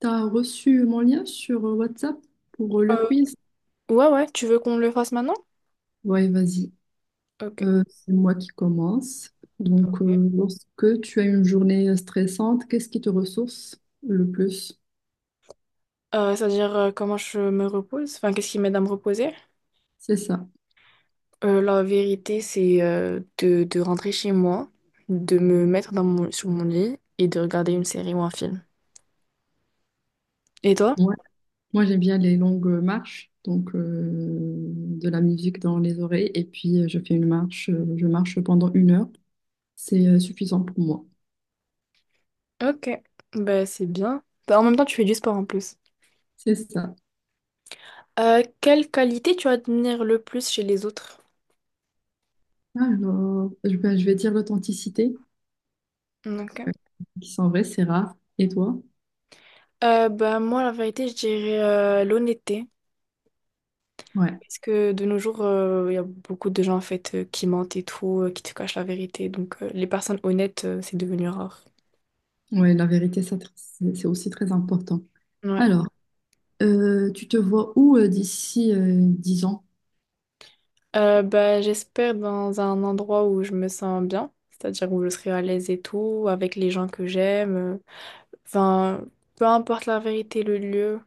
T'as reçu mon lien sur WhatsApp pour le Euh, quiz? ouais, ouais, tu veux qu'on le fasse maintenant? Ouais, vas-y. Ok. C'est moi qui commence. Donc, lorsque tu as une journée stressante, qu'est-ce qui te ressource le plus? C'est-à-dire comment je me repose, enfin qu'est-ce qui m'aide à me reposer. C'est ça. La vérité, c'est de rentrer chez moi, de me mettre dans sur mon lit et de regarder une série ou un film. Et toi? Ouais. Moi, j'aime bien les longues marches, donc de la musique dans les oreilles, et puis je fais une marche, je marche pendant une heure. C'est suffisant pour moi. Ok. Ben c'est bien. Ben, en même temps, tu fais du sport en plus. C'est ça. Quelle qualité tu admires le plus chez les autres? Alors, je vais dire l'authenticité, Ok. euh, qui sont vraies, c'est rare. Et toi? Ben moi, la vérité, je dirais l'honnêteté. Ouais. Parce que de nos jours, il y a beaucoup de gens en fait qui mentent et tout, qui te cachent la vérité. Donc les personnes honnêtes, c'est devenu rare. Oui, la vérité, ça, c'est aussi très important. Ouais. Alors, tu te vois où d'ici 10 ans? Bah, j'espère dans un endroit où je me sens bien, c'est-à-dire où je serai à l'aise et tout, avec les gens que j'aime. Enfin, peu importe la vérité, le lieu.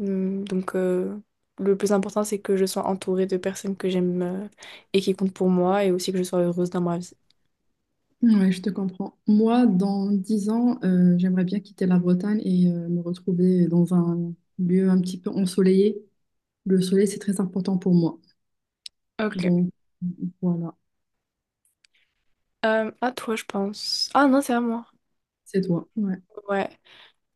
Hum. Donc le plus important, c'est que je sois entourée de personnes que j'aime et qui comptent pour moi et aussi que je sois heureuse dans ma vie. Oui, je te comprends. Moi, dans 10 ans, j'aimerais bien quitter la Bretagne et me retrouver dans un lieu un petit peu ensoleillé. Le soleil, c'est très important pour moi. Ok. Donc, voilà, À toi, je pense. Ah non, c'est à moi. c'est toi. Ouais. Ouais.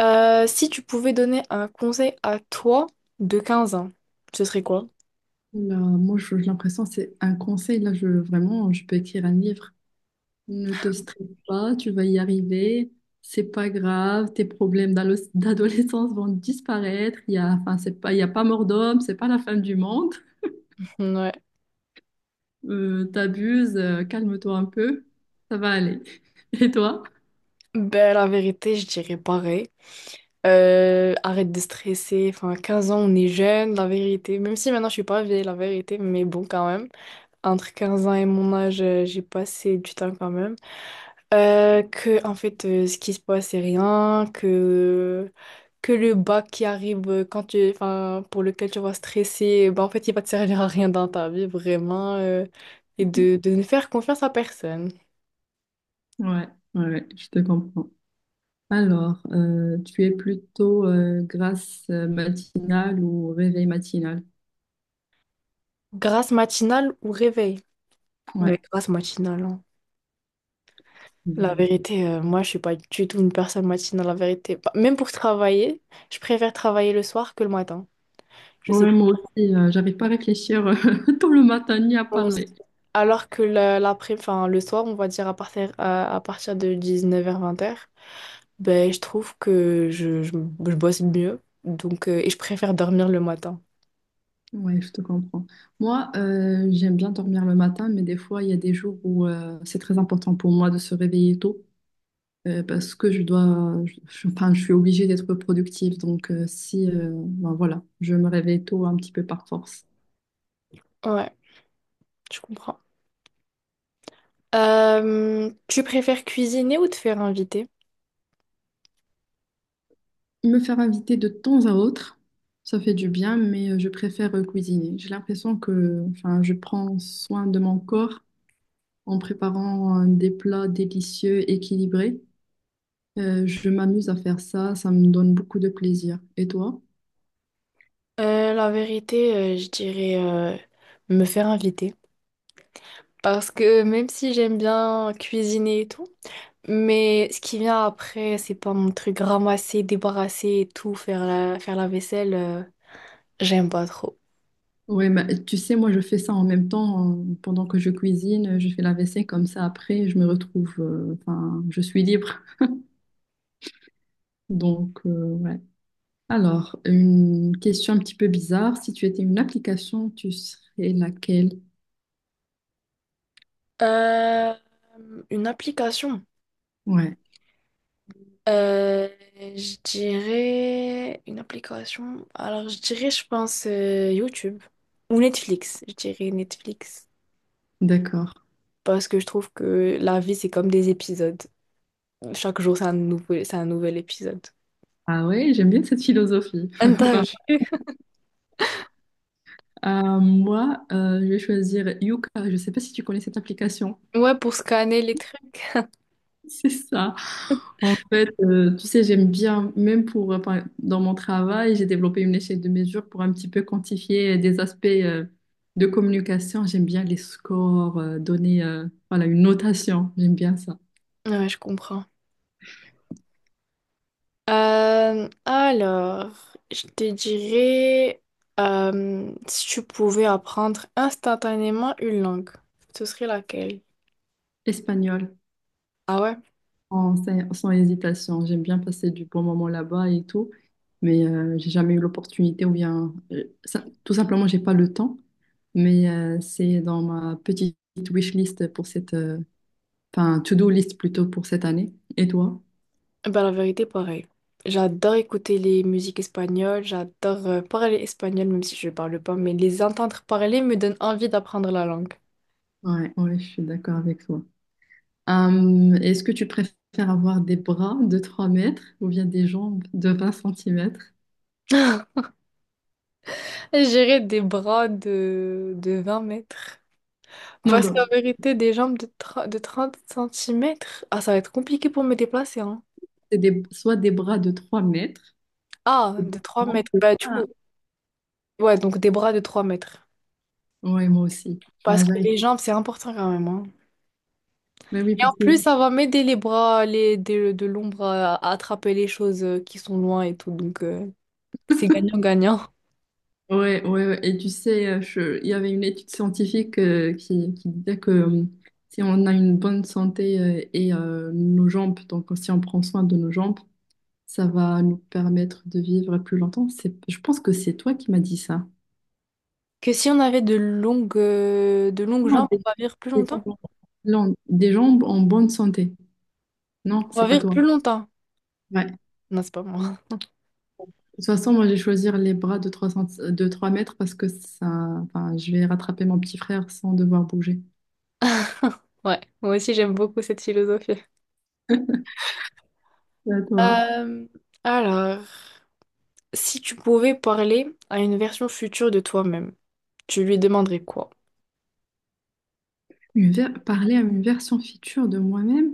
Si tu pouvais donner un conseil à toi de 15 ans, ce serait quoi? Là, moi, j'ai l'impression, c'est un conseil. Là, je, vraiment, je peux écrire un livre. Ne te stresse pas, tu vas y arriver. C'est pas grave, tes problèmes d'adolescence vont disparaître. Il y a, enfin, c'est pas, il y a pas mort d'homme, c'est pas la fin du monde. Ouais. T'abuses, calme-toi un peu, ça va aller. Et toi? Ben, la vérité, je dirais pareil. Arrête de stresser. Enfin, 15 ans, on est jeune, la vérité. Même si maintenant, je suis pas vieille, la vérité, mais bon, quand même. Entre 15 ans et mon âge, j'ai passé du temps quand même. En fait, ce qui se passe, c'est rien. Que le bac qui arrive quand enfin, pour lequel tu vas stresser, bah, en fait, il va te servir à rien dans ta vie, vraiment, et de ne faire confiance à personne. Ouais, ouais, ouais, je te comprends. Alors, tu es plutôt grasse matinale ou réveil matinal? Grâce matinale ou réveil? Ouais. Mais grâce matinale, hein. La Mhm. vérité, moi, je suis pas du tout une personne matinale, la vérité. Bah, même pour travailler, je préfère travailler le soir que le matin. Je sais Ouais, pas. moi aussi, j'arrive pas à réfléchir tout le matin ni à Moi aussi. parler. Enfin, le soir, on va dire à partir de 19h-20h. Ben, je trouve que je bosse mieux. Donc, et je préfère dormir le matin. Ouais, je te comprends. Moi, j'aime bien dormir le matin, mais des fois, il y a des jours où c'est très important pour moi de se réveiller tôt parce que je dois, enfin, je suis obligée d'être productive. Donc, si, ben voilà, je me réveille tôt un petit peu par force. Ouais, je comprends. Tu préfères cuisiner ou te faire inviter? Me faire inviter de temps à autre, ça fait du bien, mais je préfère cuisiner. J'ai l'impression que, enfin, je prends soin de mon corps en préparant des plats délicieux, équilibrés. Je m'amuse à faire ça, ça me donne beaucoup de plaisir. Et toi? La vérité, je dirais me faire inviter. Parce que même si j'aime bien cuisiner et tout, mais ce qui vient après, c'est pas mon truc ramasser, débarrasser et tout, faire la vaisselle, j'aime pas trop. Oui, mais tu sais, moi je fais ça en même temps, pendant que je cuisine, je fais la vaisselle comme ça. Après, je me retrouve, enfin, je suis libre. Donc, ouais. Alors, une question un petit peu bizarre. Si tu étais une application, tu serais laquelle? Euh, une application. Ouais, Euh, je dirais une application. Alors, je dirais, je pense, YouTube ou Netflix. Je dirais Netflix. d'accord. Parce que je trouve que la vie, c'est comme des épisodes. Chaque jour, c'est un nouvel épisode. Ah ouais, j'aime bien cette philosophie. Un Pas tas- mal. Moi, je vais choisir Yuka. Je ne sais pas si tu connais cette application. Ouais, pour scanner les trucs. C'est ça. En fait, tu sais, j'aime bien, même pour, dans mon travail, j'ai développé une échelle de mesure pour un petit peu quantifier des aspects de communication. J'aime bien les scores, donner voilà, une notation. J'aime bien ça. Ouais, je comprends. Alors, je te dirais, si tu pouvais apprendre instantanément une langue, ce serait laquelle? Espagnol, Ah ouais? sans hésitation. J'aime bien passer du bon moment là-bas et tout. Mais j'ai jamais eu l'opportunité ou bien, tout simplement, j'ai pas le temps. Mais c'est dans ma petite wishlist pour cette, enfin to-do list plutôt pour cette année. Et toi? Ben, la vérité, pareil. J'adore écouter les musiques espagnoles, j'adore parler espagnol, même si je ne parle pas, mais les entendre parler me donne envie d'apprendre la langue. Ouais, ouais, je suis d'accord avec toi. Est-ce que tu préfères avoir des bras de 3 mètres ou bien des jambes de 20 centimètres? J'irai des bras de 20 mètres. Non, Parce non, qu'en vérité, des jambes de 30 centimètres ah, ça va être compliqué pour me déplacer, hein. Soit des bras de 3 mètres Ah, ou de des 3 jambes mètres. de Bah, du 1. coup, ouais, donc des bras de 3 mètres. Ouais, moi aussi. Parce Enfin, que j'arrive. les jambes, c'est important quand même, hein. Mais oui, Et en parce que... plus, ça va m'aider les bras, les, de l'ombre à attraper les choses qui sont loin et tout. Donc, c'est gagnant-gagnant. Ouais, ouais, ouais. Et tu sais, il y avait une étude scientifique qui disait que si on a une bonne santé et nos jambes, donc si on prend soin de nos jambes, ça va nous permettre de vivre plus longtemps. Je pense que c'est toi qui m'as dit ça. Que si on avait de longues Non, jambes, des, on va vivre plus des longtemps? gens non, des gens en bonne santé. Non, On c'est va pas vivre toi. plus longtemps. Ouais. De Non, c'est pas moi. toute façon, moi, j'ai choisi les bras de 3 mètres parce que ça, enfin, je vais rattraper mon petit frère sans devoir bouger. Ouais, moi aussi, j'aime beaucoup cette philosophie. C'est à toi. Euh, alors, si tu pouvais parler à une version future de toi-même, tu lui demanderais quoi? Parler à une version future de moi-même.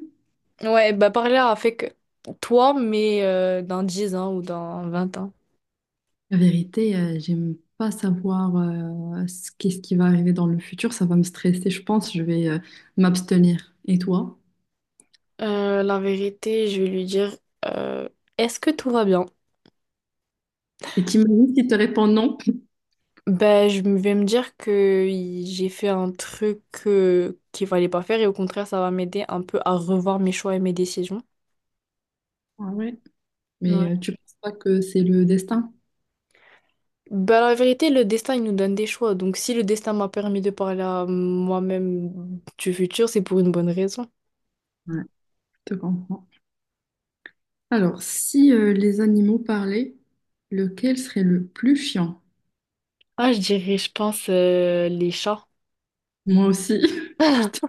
Ouais, bah parler avec toi, mais dans 10 ans ou dans 20 ans. La vérité, j'aime pas savoir ce qu'est-ce qui va arriver dans le futur. Ça va me stresser, je pense. Je vais m'abstenir. Et toi? La vérité, je vais lui dire, euh, est-ce que tout va bien? Et t'imagines s'il te répond non? Ben, vais me dire que j'ai fait un truc qu'il fallait pas faire et au contraire, ça va m'aider un peu à revoir mes choix et mes décisions. Ah ouais. Mais Ouais. Tu penses pas que c'est le destin? Ben, la vérité, le destin, il nous donne des choix. Donc, si le destin m'a permis de parler à moi-même du futur, c'est pour une bonne raison. Ouais, je te comprends. Alors, si les animaux parlaient, lequel serait le plus chiant? Ah, je dirais, je pense, les chats. Moi aussi. Je te-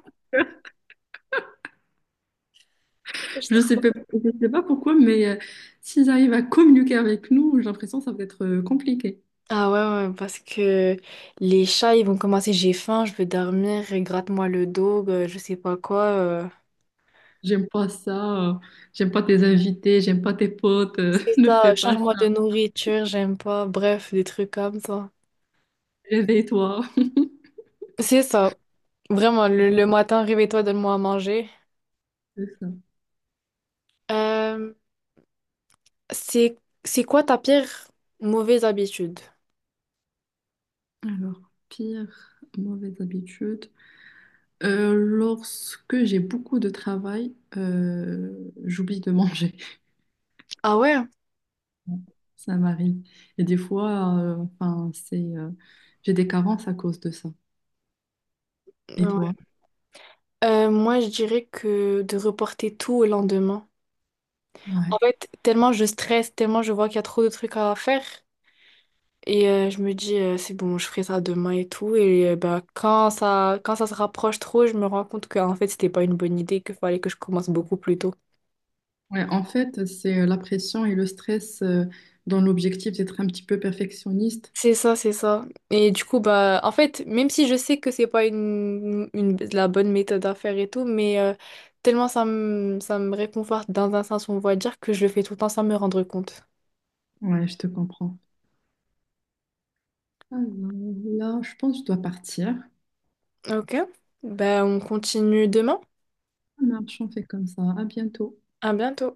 Je. je sais pas, je sais pas pourquoi, mais s'ils arrivent à communiquer avec nous, j'ai l'impression que ça va être compliqué. Ah ouais, ouais, parce que les chats, ils vont commencer, j'ai faim, je veux dormir, gratte-moi le dos, je sais pas quoi. J'aime pas ça. J'aime pas tes invités. J'aime pas tes potes. C'est Ne fais ça, pas change-moi de ça. nourriture, j'aime pas, bref, des trucs comme ça. Réveille-toi. C'est ça, vraiment, le matin, réveille-toi, donne-moi à manger. C'est ça. Euh, c'est, c'est quoi ta pire mauvaise habitude? Alors, pire mauvaise habitude. Lorsque j'ai beaucoup de travail, j'oublie de manger. Ah ouais? Ça m'arrive. Et des fois, enfin, c'est, j'ai des carences à cause de ça. Et toi? Ouais. Moi, je dirais que de reporter tout au lendemain. Ouais. En fait, tellement je stresse, tellement je vois qu'il y a trop de trucs à faire. Et je me dis, c'est bon, je ferai ça demain et tout. Et bah, quand ça se rapproche trop, je me rends compte que en fait, c'était pas une bonne idée, qu'il fallait que je commence beaucoup plus tôt. Ouais, en fait, c'est la pression et le stress, dans l'objectif d'être un petit peu perfectionniste. C'est ça, c'est ça. Et du coup, bah, en fait, même si je sais que c'est pas la bonne méthode à faire et tout, mais tellement ça me réconforte dans un sens, on va dire, que je le fais tout le temps sans me rendre compte. Ouais, je te comprends. Alors, là, je pense que je dois partir. Ok, bah, on continue demain. Ça marche, on fait comme ça. À bientôt. À bientôt.